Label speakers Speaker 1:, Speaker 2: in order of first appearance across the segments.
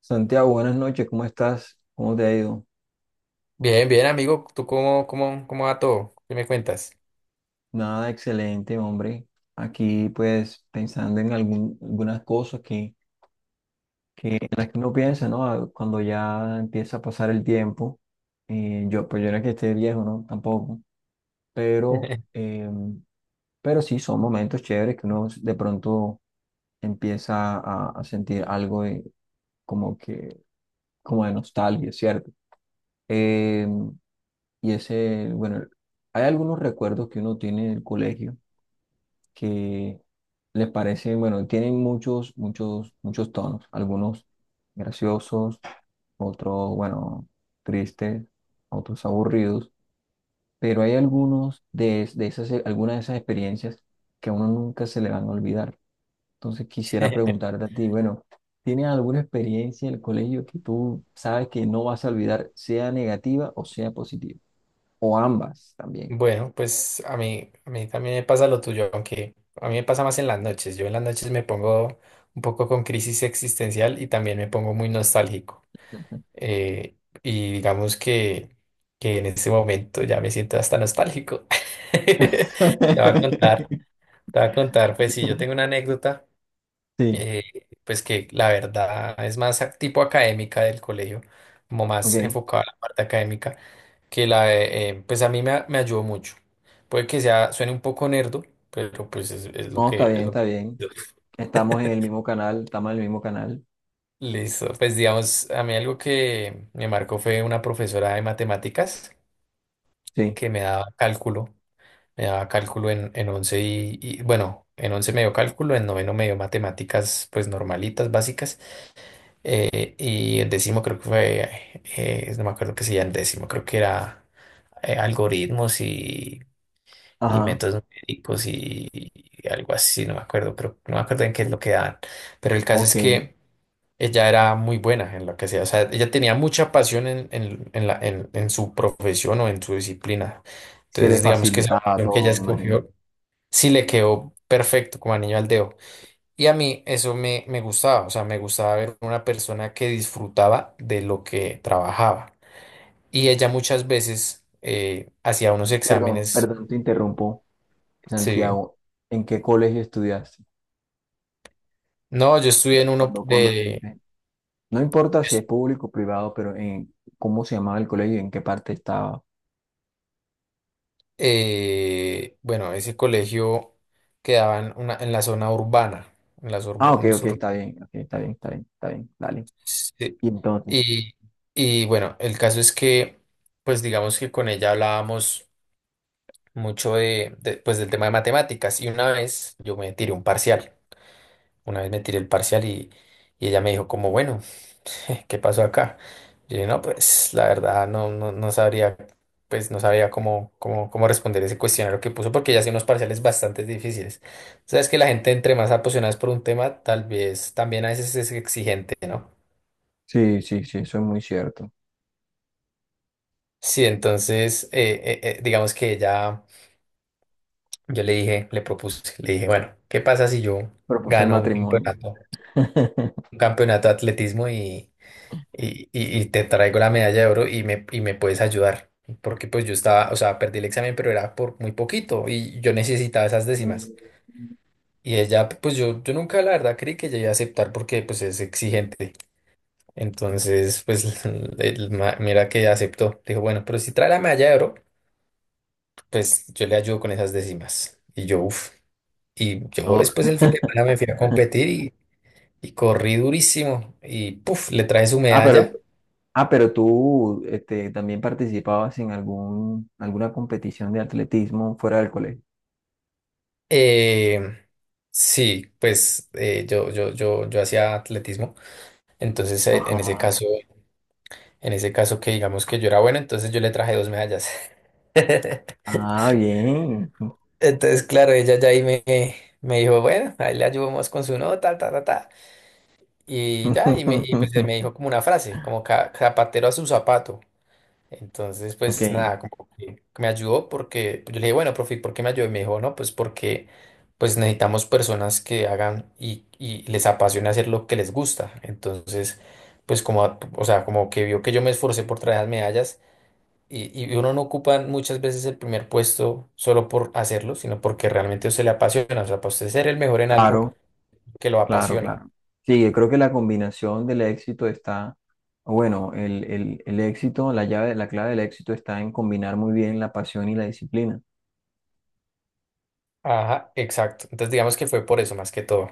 Speaker 1: Santiago, buenas noches, ¿cómo estás? ¿Cómo te ha ido?
Speaker 2: Bien, bien, amigo. ¿Tú cómo va todo? ¿Qué me cuentas?
Speaker 1: Nada, excelente, hombre. Aquí, pues, pensando en algunas cosas que, en las que uno piensa, ¿no? Ah, cuando ya empieza a pasar el tiempo, yo no es que esté viejo, ¿no? Tampoco, pero, eh, pero sí, son momentos chéveres que uno de pronto empieza a sentir algo como que, como de nostalgia, ¿cierto? Em, Y hay algunos recuerdos que uno tiene del colegio que tienen muchos, muchos, muchos tonos, algunos graciosos, otros, bueno, tristes, otros aburridos, pero hay algunos de, es- de esas, algunas de esas experiencias que a uno nunca se le van a olvidar. Entonces quisiera preguntarte a ti, bueno, ¿tienes alguna experiencia del colegio que tú sabes que no vas a olvidar, sea negativa o sea positiva? O ambas también.
Speaker 2: Bueno, pues a mí también me pasa lo tuyo, aunque a mí me pasa más en las noches. Yo en las noches me pongo un poco con crisis existencial y también me pongo muy nostálgico. Eh, y digamos que en este momento ya me siento hasta nostálgico. Te voy a contar, Te voy a contar, pues sí, yo tengo una anécdota.
Speaker 1: Sí,
Speaker 2: eh, pues que la verdad es más tipo académica del colegio, como más
Speaker 1: ok.
Speaker 2: enfocada a la parte académica, que la de, pues a mí me ayudó mucho. Puede que suene un poco nerdo, pero pues es lo
Speaker 1: No,
Speaker 2: que,
Speaker 1: está bien,
Speaker 2: es lo
Speaker 1: está
Speaker 2: que.
Speaker 1: bien. Estamos en el mismo canal, estamos en el mismo canal.
Speaker 2: Listo, pues digamos, a mí algo que me marcó fue una profesora de matemáticas
Speaker 1: Sí,
Speaker 2: que me daba cálculo en 11 y, bueno, en 11 me dio cálculo, en noveno me dio matemáticas pues normalitas, básicas. Y el décimo creo que fue, no me acuerdo qué se llama el décimo, creo que era algoritmos y
Speaker 1: ajá,
Speaker 2: métodos numéricos y algo así, no me acuerdo, pero no me acuerdo en qué es lo que dan. Pero el caso
Speaker 1: ok.
Speaker 2: es que ella era muy buena en lo que hacía, o sea, ella tenía mucha pasión en su profesión o en su disciplina.
Speaker 1: Se le
Speaker 2: Entonces, digamos que esa
Speaker 1: facilitaba
Speaker 2: opción que ella
Speaker 1: todo, me imagino.
Speaker 2: escogió sí le quedó perfecto como anillo al dedo. Y a mí eso me gustaba, o sea, me gustaba ver una persona que disfrutaba de lo que trabajaba. Y ella muchas veces hacía unos
Speaker 1: Perdón,
Speaker 2: exámenes.
Speaker 1: perdón, te interrumpo,
Speaker 2: Sí.
Speaker 1: Santiago. ¿En qué colegio estudiaste?
Speaker 2: No, yo estudié en uno
Speaker 1: Cuando
Speaker 2: de,
Speaker 1: viviste? No importa si es público o privado, pero en cómo se llamaba el colegio y en qué parte estaba.
Speaker 2: bueno, ese colegio quedaba en la zona urbana. En la sur-
Speaker 1: Ah, ok,
Speaker 2: en sur-
Speaker 1: ok, está bien, está bien, está bien, dale.
Speaker 2: Sí.
Speaker 1: Y entonces,
Speaker 2: Y, y bueno, el caso es que, pues digamos que con ella hablábamos mucho pues del tema de matemáticas y una vez yo me tiré un parcial. Una vez me tiré el parcial y ella me dijo como, bueno, ¿qué pasó acá? Yo dije, no, pues la verdad no sabría, pues no sabía cómo responder ese cuestionario que puso porque ella hacía unos parciales bastante difíciles. Sabes que la gente entre más apasionada es por un tema, tal vez también a veces es exigente, ¿no?
Speaker 1: sí, sí, sí, eso es muy cierto.
Speaker 2: Sí, entonces, digamos que ella, yo le dije, le propuse, le dije, bueno, ¿qué pasa si yo
Speaker 1: Propuse
Speaker 2: gano
Speaker 1: matrimonio.
Speaker 2: un campeonato de atletismo y te traigo la medalla de oro y me puedes ayudar. Porque pues yo estaba, o sea, perdí el examen, pero era por muy poquito y yo necesitaba esas décimas.
Speaker 1: Mm.
Speaker 2: Y ella, pues yo nunca la verdad creí que ella iba a aceptar porque pues es exigente. Entonces, pues el mira que aceptó. Dijo, bueno, pero si trae la medalla de oro, pues yo le ayudo con esas décimas. Y yo, uff. Y yo
Speaker 1: No.
Speaker 2: después el fin de semana me fui a competir y corrí durísimo. Y puff, le traje su
Speaker 1: Ah, pero,
Speaker 2: medalla.
Speaker 1: ah, pero tú también participabas en alguna competición de atletismo fuera del colegio.
Speaker 2: Eh, sí, pues yo hacía atletismo, entonces en ese
Speaker 1: Ajá.
Speaker 2: caso, en ese caso que digamos que yo era bueno, entonces yo le traje dos medallas.
Speaker 1: Ah, bien.
Speaker 2: Entonces, claro, ella ya ahí me dijo, bueno, ahí le ayudamos con su nota, ta, ta, ta. Y pues me dijo como una frase, como zapatero a su zapato". Entonces, pues
Speaker 1: Ok.
Speaker 2: nada, como que me ayudó porque pues, yo le dije, bueno, profe, ¿por qué me ayudó? Y me dijo, no, pues porque pues necesitamos personas que hagan y les apasiona hacer lo que les gusta. Entonces, pues como, o sea, como que vio que yo me esforcé por traer las medallas y uno no ocupa muchas veces el primer puesto solo por hacerlo, sino porque realmente a usted le apasiona. O sea, para usted ser el mejor en algo
Speaker 1: Claro,
Speaker 2: que lo
Speaker 1: claro,
Speaker 2: apasiona.
Speaker 1: claro. Sí, yo creo que la combinación del éxito está, bueno, el éxito, la llave, la clave del éxito está en combinar muy bien la pasión y la disciplina.
Speaker 2: Ajá, exacto. Entonces, digamos que fue por eso más que todo.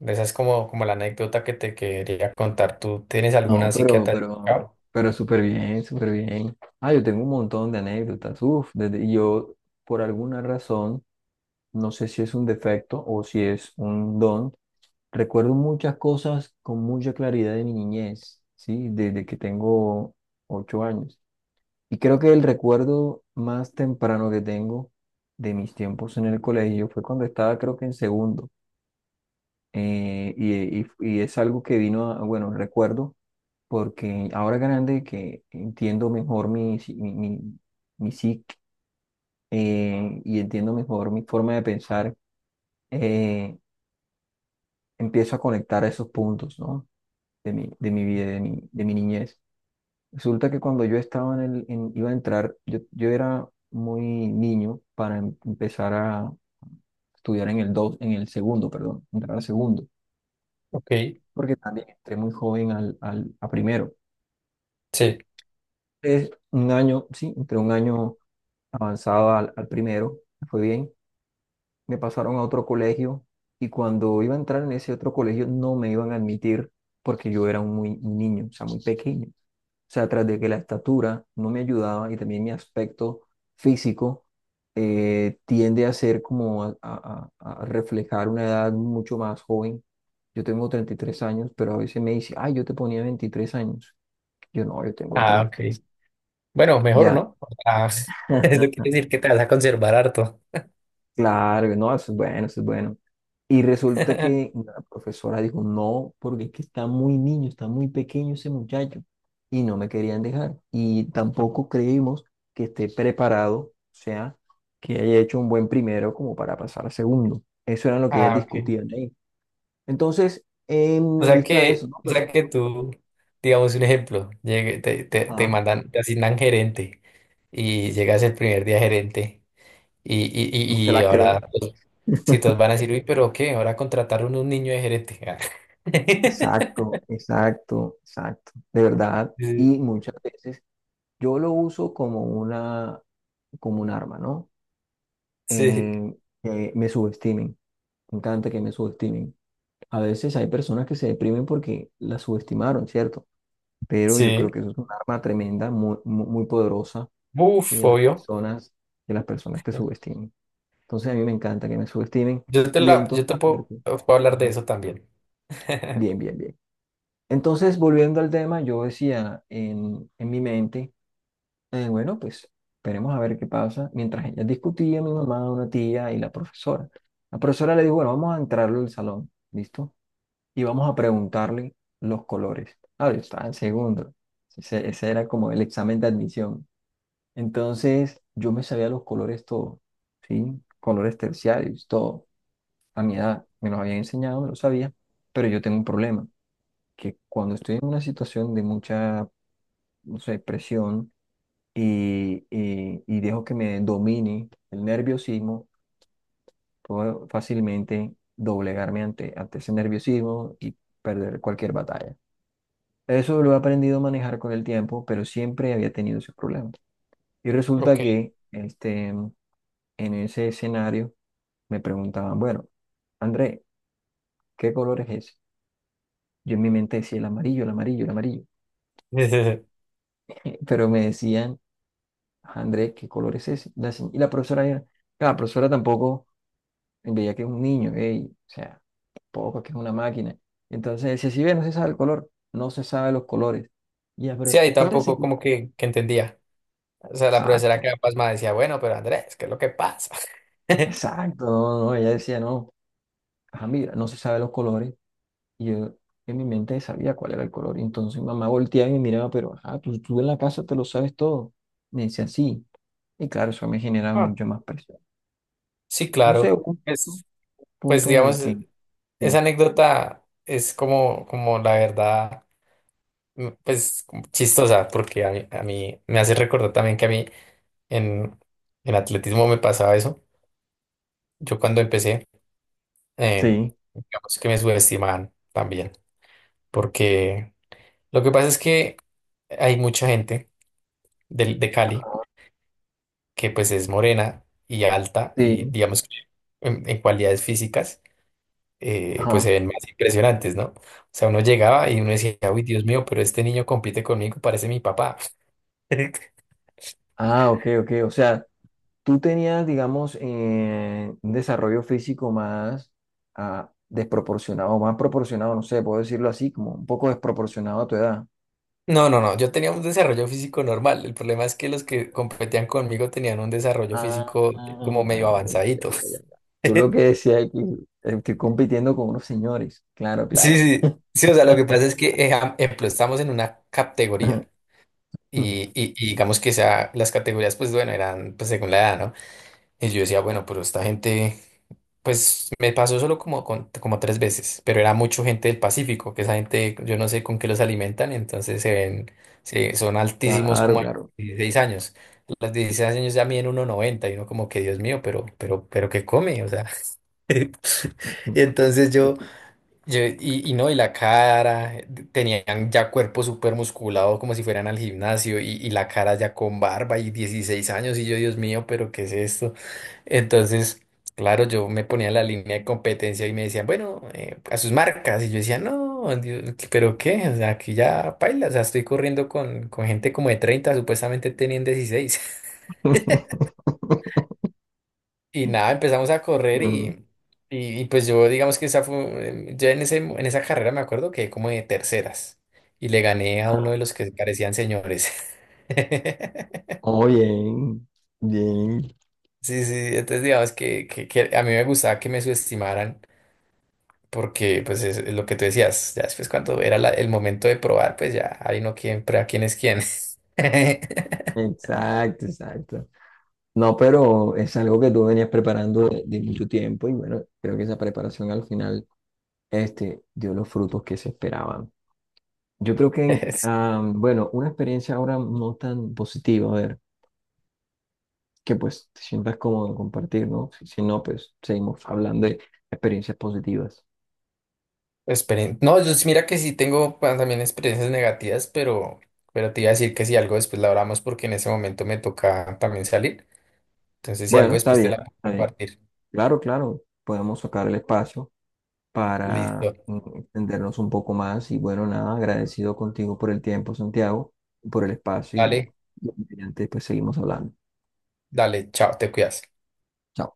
Speaker 2: Esa es como, como la anécdota que te quería contar. ¿Tú tienes alguna
Speaker 1: No,
Speaker 2: así que
Speaker 1: pero,
Speaker 2: te haya
Speaker 1: pero,
Speaker 2: marcado?
Speaker 1: pero súper bien, súper bien. Ah, yo tengo un montón de anécdotas. Uf, y yo, por alguna razón, no sé si es un defecto o si es un don, recuerdo muchas cosas con mucha claridad de mi niñez, ¿sí? Desde que tengo ocho años. Y creo que el recuerdo más temprano que tengo de mis tiempos en el colegio fue cuando estaba, creo que en segundo. Y es algo que vino recuerdo porque ahora grande que entiendo mejor mi, si- mi psique, y entiendo mejor mi forma de pensar, eh, empiezo a conectar esos puntos, ¿no? De mi vida, de mi niñez. Resulta que cuando yo estaba iba a entrar, yo era muy niño para empezar a estudiar en el segundo, perdón, entrar al segundo,
Speaker 2: Ok,
Speaker 1: porque también entré muy joven a primero.
Speaker 2: sí.
Speaker 1: Es un año, sí, entre un año avanzado al primero, me fue bien. Me pasaron a otro colegio y cuando iba a entrar en ese otro colegio no me iban a admitir porque yo era un niño, o sea, muy pequeño. O sea, tras de que la estatura no me ayudaba y también mi aspecto físico tiende a ser como a reflejar una edad mucho más joven. Yo tengo 33 años, pero a veces me dice, ay, yo te ponía 23 años. Yo no, yo tengo
Speaker 2: Ah, ok.
Speaker 1: 33.
Speaker 2: Bueno, mejor
Speaker 1: Ya,
Speaker 2: no. O sea, eso quiere decir que te vas a conservar harto.
Speaker 1: claro, no, eso es bueno, eso es bueno. Y resulta que la profesora dijo, no, porque es que está muy niño, está muy pequeño ese muchacho. Y no me querían dejar. Y tampoco creímos que esté preparado, o sea, que haya hecho un buen primero como para pasar a segundo. Eso era lo que ellas
Speaker 2: Ah, ok.
Speaker 1: discutían ahí. Entonces, en vista de eso, no,
Speaker 2: O
Speaker 1: pero
Speaker 2: sea que tú, digamos un ejemplo, te
Speaker 1: ajá,
Speaker 2: mandan, te asignan gerente y llegas el primer día gerente y, y,
Speaker 1: no se
Speaker 2: y, y
Speaker 1: la
Speaker 2: ahora
Speaker 1: creen.
Speaker 2: los citos van a decir, uy, pero ¿qué? Ahora contrataron un niño de gerente.
Speaker 1: Exacto, exacto, exacto. De verdad.
Speaker 2: Sí,
Speaker 1: Y muchas veces yo lo uso como una, como un arma, ¿no?
Speaker 2: sí,
Speaker 1: eh, que me subestimen. Me encanta que me subestimen. A veces hay personas que se deprimen porque las subestimaron, ¿cierto? Pero yo
Speaker 2: sí.
Speaker 1: creo que eso es un arma tremenda, muy, muy, muy poderosa,
Speaker 2: Uf,
Speaker 1: que las
Speaker 2: obvio.
Speaker 1: personas, que las personas te subestimen. Entonces a mí me encanta que me subestimen
Speaker 2: Yo te
Speaker 1: y en
Speaker 2: la,
Speaker 1: todas
Speaker 2: yo te puedo,
Speaker 1: partes.
Speaker 2: puedo hablar de
Speaker 1: Ajá.
Speaker 2: eso también.
Speaker 1: Bien, bien, bien. Entonces, volviendo al tema, yo decía en mi mente. Bueno, pues esperemos a ver qué pasa. Mientras ella discutía, mi mamá, una tía y la profesora. La profesora le dijo, bueno, vamos a entrarlo al salón, ¿listo? Y vamos a preguntarle los colores. Ah, yo estaba en segundo. Ese era como el examen de admisión. Entonces, yo me sabía los colores todo, ¿sí? Colores terciarios, todo. A mi edad, me los habían enseñado, me los sabía. Pero yo tengo un problema, que cuando estoy en una situación de mucha, no sé, presión, y dejo que me domine el nerviosismo, puedo fácilmente doblegarme ante ese nerviosismo y perder cualquier batalla. Eso lo he aprendido a manejar con el tiempo, pero siempre había tenido esos problemas. Y
Speaker 2: Ok.
Speaker 1: resulta que en ese escenario me preguntaban, bueno, André, ¿qué color es ese? Yo en mi mente decía el amarillo, el amarillo, el amarillo.
Speaker 2: Sí, sí, sí.
Speaker 1: Pero me decían, André, ¿qué color es ese? Y la profesora, claro, la profesora tampoco veía que es un niño, ey, o sea, poco que es una máquina. Entonces si ve, no se sabe el color, no se sabe los colores. Y ya,
Speaker 2: Sí,
Speaker 1: pero
Speaker 2: ahí
Speaker 1: espérese
Speaker 2: tampoco
Speaker 1: que...
Speaker 2: como que entendía. O sea, la profesora
Speaker 1: Exacto,
Speaker 2: quedaba pasmada decía, bueno, pero Andrés, ¿qué es lo que pasa?
Speaker 1: exacto, no, no, ella decía, no, ajá, mira, no se sabe los colores. Y yo en mi mente sabía cuál era el color. Y entonces mamá volteaba y me miraba, pero, ajá, tú en la casa te lo sabes todo. Me decía, sí. Y claro, eso me generaba
Speaker 2: Ah,
Speaker 1: mucha más presión.
Speaker 2: sí,
Speaker 1: No
Speaker 2: claro.
Speaker 1: sé, hubo un punto
Speaker 2: Pues, pues
Speaker 1: punto en el
Speaker 2: digamos,
Speaker 1: que...
Speaker 2: esa
Speaker 1: dime.
Speaker 2: anécdota es como, como la verdad, pues como chistosa, porque a mí me hace recordar también que a mí en, en atletismo me pasaba eso. Yo cuando empecé, eh,
Speaker 1: Sí,
Speaker 2: digamos que me subestimaban también, porque lo que pasa es que hay mucha gente de Cali que pues es morena y alta y
Speaker 1: sí,
Speaker 2: digamos que en cualidades físicas pues
Speaker 1: ajá.
Speaker 2: se ven más impresionantes, ¿no? O sea, uno llegaba y uno decía, uy, Dios mío, pero este niño compite conmigo, parece mi papá.
Speaker 1: Ah, ok, ok. O sea, tú tenías, digamos, un desarrollo físico más desproporcionado, más proporcionado, no sé, puedo decirlo así, como un poco desproporcionado a tu edad.
Speaker 2: No, no, no, yo tenía un desarrollo físico normal. El problema es que los que competían conmigo tenían un desarrollo
Speaker 1: Ah,
Speaker 2: físico
Speaker 1: ya,
Speaker 2: como medio
Speaker 1: ya,
Speaker 2: avanzadito.
Speaker 1: ya, ya, ya. Tú lo que decías es que estoy compitiendo con unos señores. Claro,
Speaker 2: Sí,
Speaker 1: claro.
Speaker 2: sí, sí, o sea, lo que pasa es que, ejemplo, estamos en una categoría. Y digamos que las categorías, pues bueno, eran pues según la edad, ¿no? Y yo decía, bueno, pero esta gente, pues me pasó solo como, como tres veces, pero era mucho gente del Pacífico, que esa gente, yo no sé con qué los alimentan, entonces son altísimos
Speaker 1: Claro,
Speaker 2: como a los
Speaker 1: claro.
Speaker 2: 16 años. Los 16 años ya miden uno noventa y uno como que, Dios mío, pero ¿qué come? O sea, y entonces yo. Y no, y la cara, tenían ya cuerpo súper musculado como si fueran al gimnasio y la cara ya con barba y 16 años y yo, Dios mío, pero ¿qué es esto? Entonces, claro, yo me ponía en la línea de competencia y me decían, bueno, a sus marcas y yo decía, no, Dios, pero ¿qué? O sea, aquí ya paila, o sea, estoy corriendo con gente como de 30 supuestamente tenían dieciséis. Y nada, empezamos a correr y pues yo digamos que esa fue, yo en ese, en esa carrera me acuerdo que como de terceras y le gané a uno de los que parecían señores.
Speaker 1: Oh, bien, bien.
Speaker 2: Sí, sí, entonces digamos que a mí me gustaba que me subestimaran porque pues es lo que tú decías, ya después cuando era el momento de probar, pues ya ahí no quién, prueba quién es quién.
Speaker 1: Exacto, exacto. No, pero es algo que tú venías preparando de mucho tiempo y bueno, creo que esa preparación al final dio los frutos que se esperaban. Yo creo que, bueno, una experiencia ahora no tan positiva, a ver, que pues te sientas cómodo en compartir, ¿no? Si no, pues seguimos hablando de experiencias positivas.
Speaker 2: Esperen. No, yo mira que sí tengo pues, también experiencias negativas, pero, te iba a decir que si algo después la hablamos porque en ese momento me toca también salir. Entonces, si algo
Speaker 1: Bueno, está
Speaker 2: después te
Speaker 1: bien,
Speaker 2: la puedo
Speaker 1: está bien.
Speaker 2: compartir.
Speaker 1: Claro, claro, podemos sacar el espacio para
Speaker 2: Listo.
Speaker 1: entendernos un poco más. Y bueno, nada, agradecido contigo por el tiempo, Santiago, por el espacio
Speaker 2: Dale,
Speaker 1: y antes pues seguimos hablando.
Speaker 2: dale, chao, te cuidas.
Speaker 1: Chao.